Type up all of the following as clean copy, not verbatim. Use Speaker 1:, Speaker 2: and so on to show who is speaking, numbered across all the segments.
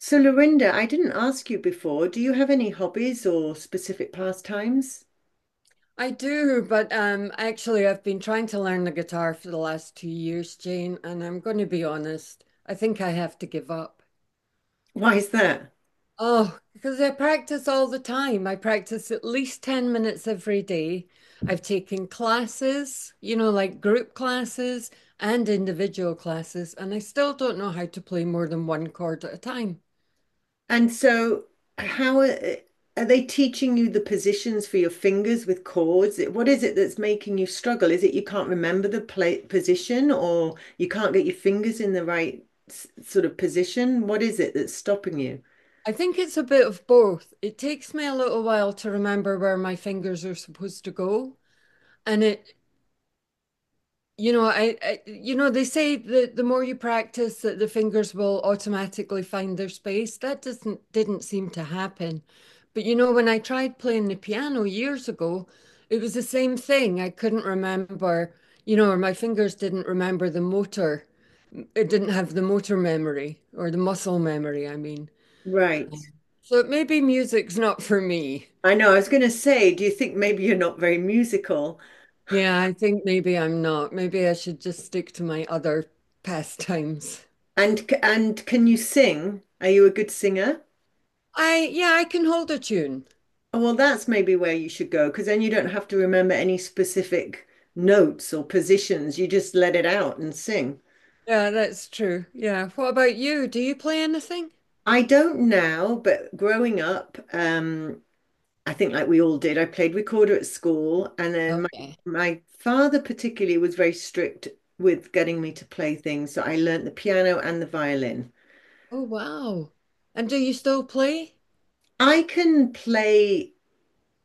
Speaker 1: So, Lorinda, I didn't ask you before. Do you have any hobbies or specific pastimes?
Speaker 2: I do, but actually, I've been trying to learn the guitar for the last 2 years, Jane, and I'm going to be honest, I think I have to give up.
Speaker 1: Why is that?
Speaker 2: Oh, because I practice all the time. I practice at least 10 minutes every day. I've taken classes, you know, like group classes and individual classes, and I still don't know how to play more than one chord at a time.
Speaker 1: And so, how are, eh, are they teaching you the positions for your fingers with chords? What is it that's making you struggle? Is it you can't remember the play, position or you can't get your fingers in the right sort of position? What is it that's stopping you?
Speaker 2: I think it's a bit of both. It takes me a little while to remember where my fingers are supposed to go. And it You know, I you know, they say that the more you practice that the fingers will automatically find their space. That doesn't didn't seem to happen. But you know, when I tried playing the piano years ago, it was the same thing. I couldn't remember, you know, or my fingers didn't remember the motor. It didn't have the motor memory or the muscle memory, I mean.
Speaker 1: Right.
Speaker 2: So maybe music's not for me.
Speaker 1: I know. I was going to say, do you think maybe you're not very musical?
Speaker 2: Yeah, I think maybe I'm not. Maybe I should just stick to my other pastimes.
Speaker 1: And can you sing? Are you a good singer?
Speaker 2: I yeah, I can hold a tune.
Speaker 1: Oh, well, that's maybe where you should go because then you don't have to remember any specific notes or positions. You just let it out and sing.
Speaker 2: Yeah, that's true. Yeah. What about you? Do you play anything?
Speaker 1: I don't now, but growing up, I think like we all did, I played recorder at school, and then my
Speaker 2: Okay.
Speaker 1: my father particularly was very strict with getting me to play things. So I learnt the piano and the violin.
Speaker 2: Oh wow. And do you still play?
Speaker 1: I can play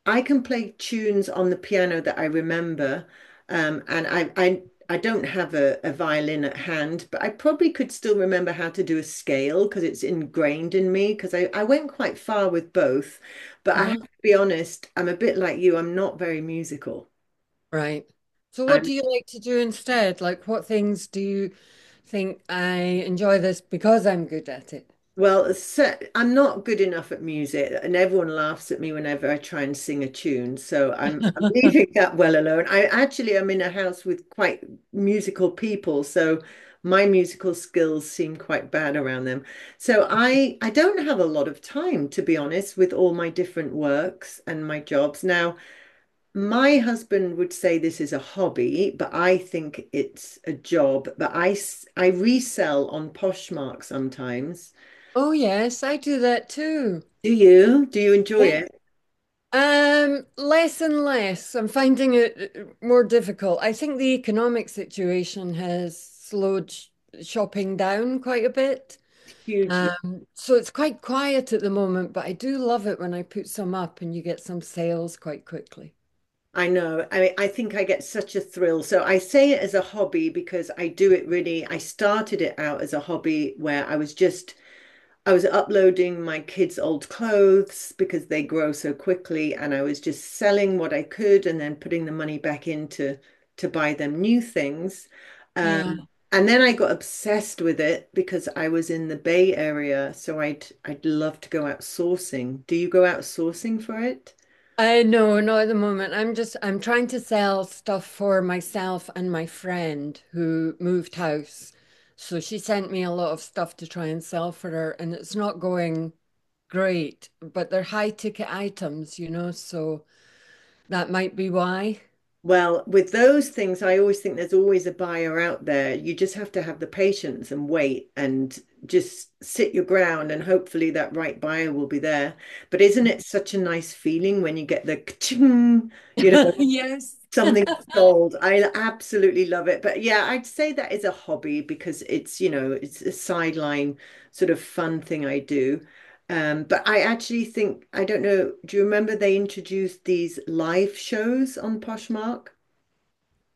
Speaker 1: I can play tunes on the piano that I remember, and I don't have a violin at hand, but I probably could still remember how to do a scale because it's ingrained in me. Because I went quite far with both, but I
Speaker 2: Uh-huh.
Speaker 1: have to be honest, I'm a bit like you. I'm not very musical.
Speaker 2: Right. So what
Speaker 1: I'm
Speaker 2: do you like to do instead? Like what things do you think I enjoy this because I'm good at it?
Speaker 1: Well, so, I'm not good enough at music, and everyone laughs at me whenever I try and sing a tune. So I'm leaving that well alone. I actually am in a house with quite musical people, so my musical skills seem quite bad around them. So I don't have a lot of time, to be honest, with all my different works and my jobs. Now, my husband would say this is a hobby, but I think it's a job. But I resell on Poshmark sometimes.
Speaker 2: Oh yes, I do that too.
Speaker 1: Do you? Do you enjoy
Speaker 2: Yeah.
Speaker 1: it?
Speaker 2: Less and less. I'm finding it more difficult. I think the economic situation has slowed sh shopping down quite a bit.
Speaker 1: Hugely.
Speaker 2: So it's quite quiet at the moment, but I do love it when I put some up and you get some sales quite quickly.
Speaker 1: I know. I mean, I think I get such a thrill. So I say it as a hobby because I do it really. I started it out as a hobby where I was uploading my kids' old clothes because they grow so quickly, and I was just selling what I could and then putting the money back in to buy them new things. Um,
Speaker 2: Yeah.
Speaker 1: and then I got obsessed with it because I was in the Bay Area, so I'd love to go out sourcing. Do you go out sourcing for it?
Speaker 2: I know, not at the moment. I'm trying to sell stuff for myself and my friend who moved house. So she sent me a lot of stuff to try and sell for her, and it's not going great, but they're high ticket items, you know, so that might be why.
Speaker 1: Well, with those things, I always think there's always a buyer out there. You just have to have the patience and wait and just sit your ground, and hopefully that right buyer will be there. But isn't it such a nice feeling when you get the ka-ching, you know?
Speaker 2: Yes.
Speaker 1: Something sold. I absolutely love it. But yeah, I'd say that is a hobby because it's a sideline sort of fun thing I do. But I actually think, I don't know, do you remember they introduced these live shows on Poshmark?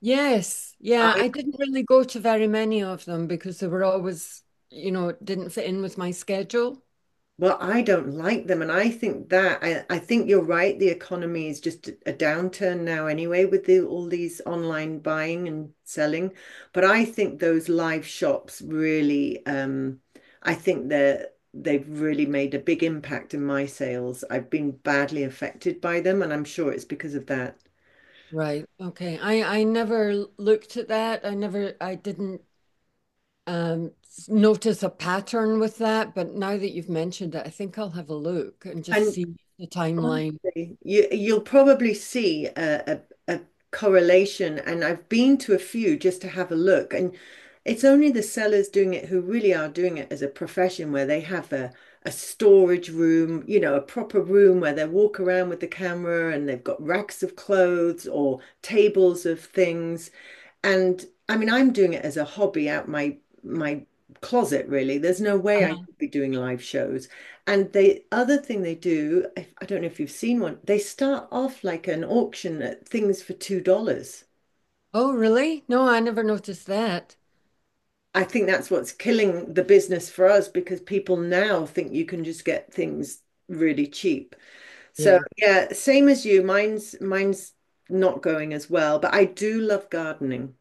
Speaker 2: Yes, yeah, I didn't really go to very many of them because they were always, you know, it didn't fit in with my schedule.
Speaker 1: Well, I don't like them, and I think that I think you're right. The economy is just a downturn now anyway with all these online buying and selling. But I think those live shops really, I think they've really made a big impact in my sales. I've been badly affected by them, and I'm sure it's because of that.
Speaker 2: Right. Okay. I never l- looked at that. I didn't notice a pattern with that, but now that you've mentioned it, I think I'll have a look and just
Speaker 1: And
Speaker 2: see the timeline.
Speaker 1: honestly, you'll probably see a correlation, and I've been to a few just to have a look, and it's only the sellers doing it who really are doing it as a profession, where they have a storage room, you know, a proper room where they walk around with the camera and they've got racks of clothes or tables of things. And I mean, I'm doing it as a hobby out my closet, really. There's no way I
Speaker 2: Uh-huh.
Speaker 1: could be doing live shows. And the other thing they do, I don't know if you've seen one, they start off like an auction at things for $2.
Speaker 2: Oh, really? No, I never noticed that.
Speaker 1: I think that's what's killing the business for us because people now think you can just get things really cheap. So
Speaker 2: Yeah.
Speaker 1: yeah, same as you. Mine's not going as well, but I do love gardening.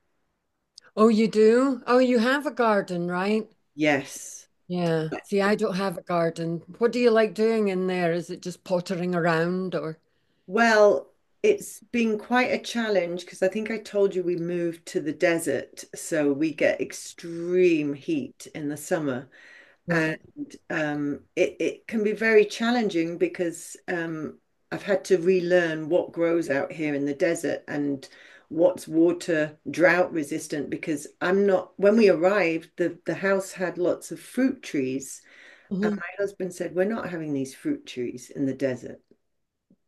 Speaker 2: Oh, you do? Oh, you have a garden, right?
Speaker 1: Yes.
Speaker 2: Yeah. See, I don't have a garden. What do you like doing in there? Is it just pottering around or?
Speaker 1: Well, it's been quite a challenge because I think I told you we moved to the desert, so we get extreme heat in the summer.
Speaker 2: Right.
Speaker 1: And it can be very challenging because I've had to relearn what grows out here in the desert and what's water drought resistant because I'm not, when we arrived, the house had lots of fruit trees. And
Speaker 2: Mhm.
Speaker 1: my husband said, We're not having these fruit trees in the desert.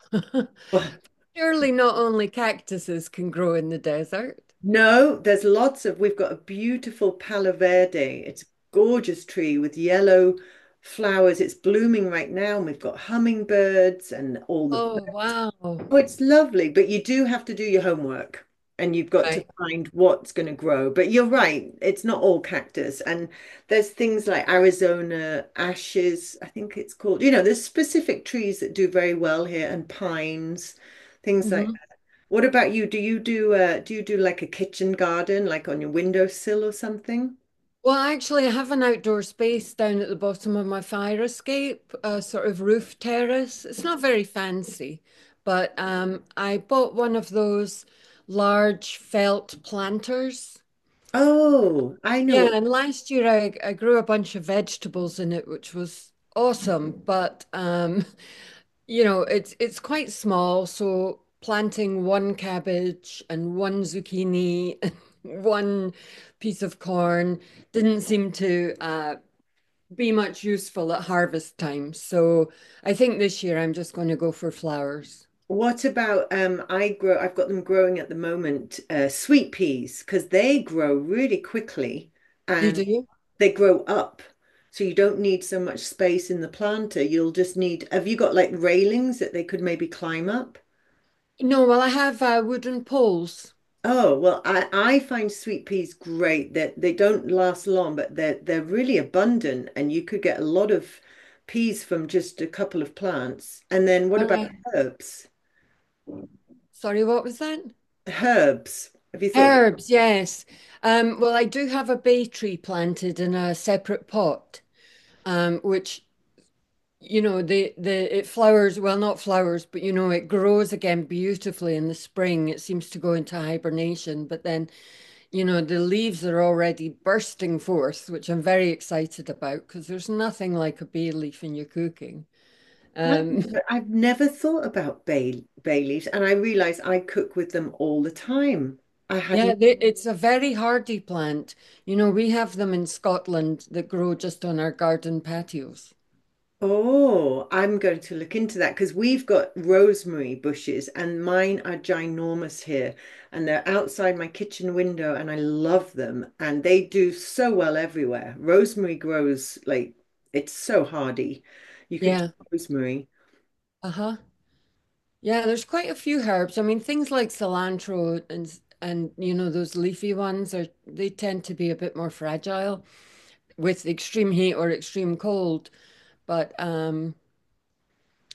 Speaker 1: Well,
Speaker 2: Surely not only cactuses can grow in the desert.
Speaker 1: no, we've got a beautiful Palo Verde. It's a gorgeous tree with yellow flowers. It's blooming right now. And we've got hummingbirds and all the
Speaker 2: Oh, wow.
Speaker 1: Oh, it's lovely, but you do have to do your homework and you've got to
Speaker 2: Right.
Speaker 1: find what's going to grow. But you're right, it's not all cactus. And there's things like Arizona ashes, I think it's called. You know, there's specific trees that do very well here and pines, things like
Speaker 2: Hmm.
Speaker 1: that. What about you? Do you do like a kitchen garden, like on your windowsill or something?
Speaker 2: Well, actually, I have an outdoor space down at the bottom of my fire escape, a sort of roof terrace. It's not very fancy, but I bought one of those large felt planters.
Speaker 1: Oh, I know
Speaker 2: Yeah,
Speaker 1: what
Speaker 2: and last year I grew a bunch of vegetables in it, which was awesome. But you know, it's quite small, so planting one cabbage and one zucchini and one piece of corn didn't seem to be much useful at harvest time. So I think this year I'm just going to go for flowers.
Speaker 1: What about I've got them growing at the moment, sweet peas because they grow really quickly
Speaker 2: Do You do?
Speaker 1: and
Speaker 2: You?
Speaker 1: they grow up. So you don't need so much space in the planter. You'll just need Have you got like railings that they could maybe climb up?
Speaker 2: No, well, I have wooden poles.
Speaker 1: Oh, well I find sweet peas great that they don't last long but they're really abundant and you could get a lot of peas from just a couple of plants. And then what
Speaker 2: All
Speaker 1: about
Speaker 2: right.
Speaker 1: herbs?
Speaker 2: Sorry, what was that?
Speaker 1: Herbs. Have you thought
Speaker 2: Herbs, yes. Well, I do have a bay tree planted in a separate pot, which you know the it flowers, well, not flowers, but you know, it grows again beautifully in the spring. It seems to go into hibernation, but then you know the leaves are already bursting forth, which I'm very excited about because there's nothing like a bay leaf in your cooking.
Speaker 1: I've
Speaker 2: Um,
Speaker 1: I've never thought about bay leaves, and I realize I cook with them all the time. I
Speaker 2: yeah,
Speaker 1: hadn't.
Speaker 2: they, it's a very hardy plant. You know, we have them in Scotland that grow just on our garden patios.
Speaker 1: Oh, I'm going to look into that because we've got rosemary bushes, and mine are ginormous here, and they're outside my kitchen window, and I love them, and they do so well everywhere. Rosemary grows like it's so hardy. You could do
Speaker 2: Yeah.
Speaker 1: rosemary.
Speaker 2: Uh-huh. Yeah, there's quite a few herbs. I mean, things like cilantro and you know those leafy ones are they tend to be a bit more fragile with extreme heat or extreme cold. But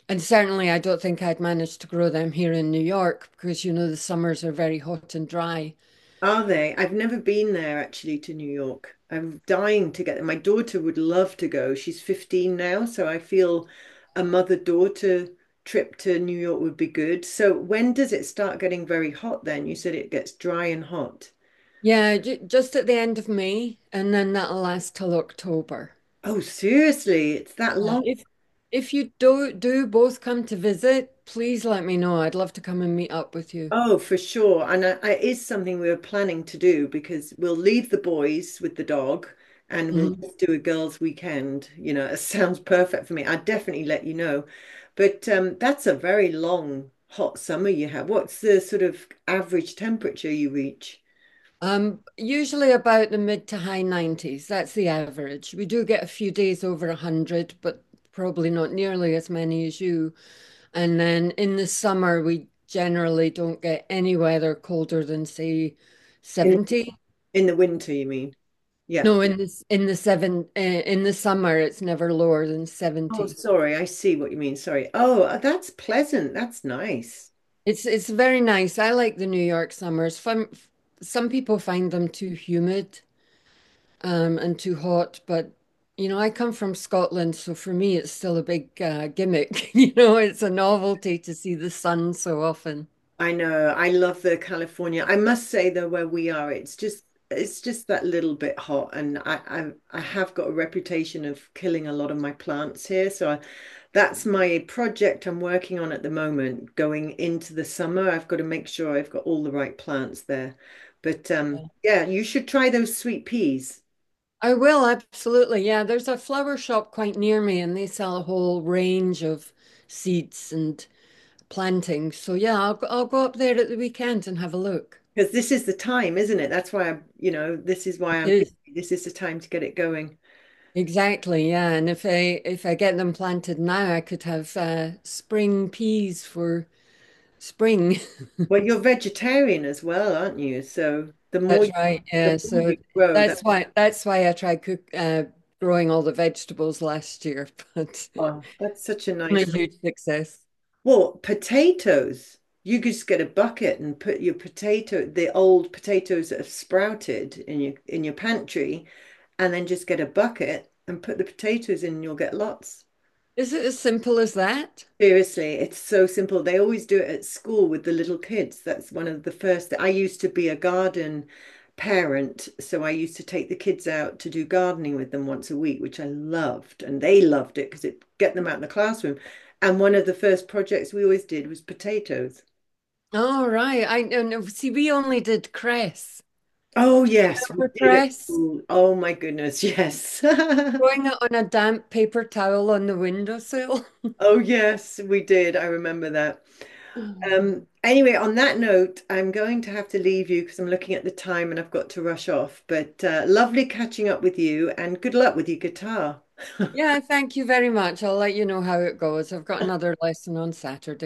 Speaker 2: and certainly I don't think I'd manage to grow them here in New York because you know the summers are very hot and dry.
Speaker 1: Are they? I've never been there actually to New York. I'm dying to get there. My daughter would love to go. She's 15 now, so I feel a mother-daughter trip to New York would be good. So when does it start getting very hot then? You said it gets dry and hot.
Speaker 2: Yeah, j Just at the end of May and then that'll last till October.
Speaker 1: Oh, seriously, it's that
Speaker 2: Uh,
Speaker 1: long.
Speaker 2: if if you do both come to visit, please let me know. I'd love to come and meet up with you.
Speaker 1: Oh, for sure. And it is something we were planning to do because we'll leave the boys with the dog and we'll
Speaker 2: Mm-hmm.
Speaker 1: just do a girls' weekend. You know, it sounds perfect for me. I'd definitely let you know. But that's a very long, hot summer you have. What's the sort of average temperature you reach
Speaker 2: Usually about the mid to high 90s. That's the average. We do get a few days over 100, but probably not nearly as many as you. And then in the summer, we generally don't get any weather colder than, say,
Speaker 1: In-
Speaker 2: 70.
Speaker 1: in the winter, you mean? Yeah.
Speaker 2: No, in this in the seven in the summer, it's never lower than
Speaker 1: Oh,
Speaker 2: 70.
Speaker 1: sorry. I see what you mean. Sorry. Oh, that's pleasant. That's nice.
Speaker 2: It's very nice. I like the New York summers. Fun, some people find them too humid, and too hot. But you know, I come from Scotland, so for me, it's still a big gimmick. You know, it's a novelty to see the sun so often.
Speaker 1: I know. I love the California. I must say though, where we are, it's just that little bit hot, and I have got a reputation of killing a lot of my plants here. So that's my project I'm working on at the moment. Going into the summer, I've got to make sure I've got all the right plants there. But yeah, you should try those sweet peas
Speaker 2: I will absolutely. Yeah, there's a flower shop quite near me, and they sell a whole range of seeds and plantings. So yeah, I'll go up there at the weekend and have a look.
Speaker 1: because this is the time, isn't it? That's why I This is why
Speaker 2: It
Speaker 1: I'm
Speaker 2: is.
Speaker 1: busy. This is the time to get it going.
Speaker 2: Exactly, yeah. And if I get them planted now, I could have spring peas for spring.
Speaker 1: Well, you're vegetarian as well, aren't you? So the more
Speaker 2: That's right.
Speaker 1: the
Speaker 2: Yeah.
Speaker 1: more
Speaker 2: So
Speaker 1: you grow that
Speaker 2: that's why I tried cook growing all the vegetables last year, but it's
Speaker 1: oh that's such a
Speaker 2: been
Speaker 1: nice
Speaker 2: a huge success.
Speaker 1: well, potatoes, you could just get a bucket and put your potato the old potatoes that have sprouted in your pantry and then just get a bucket and put the potatoes in and you'll get lots.
Speaker 2: Is it as simple as that?
Speaker 1: Seriously, it's so simple. They always do it at school with the little kids. That's one of the first. I used to be a garden parent, so I used to take the kids out to do gardening with them once a week, which I loved, and they loved it because it get them out in the classroom. And one of the first projects we always did was potatoes.
Speaker 2: Oh, right. I no, no. See, we only did cress.
Speaker 1: Oh yes, we
Speaker 2: Remember
Speaker 1: did at
Speaker 2: cress?
Speaker 1: school. Oh my goodness, yes.
Speaker 2: Throwing it on a damp paper towel on the windowsill.
Speaker 1: Oh yes, we did. I remember that. Um, anyway, on that note, I'm going to have to leave you because I'm looking at the time and I've got to rush off. But lovely catching up with you and good luck with your guitar.
Speaker 2: Yeah, thank you very much. I'll let you know how it goes. I've got another lesson on Saturday.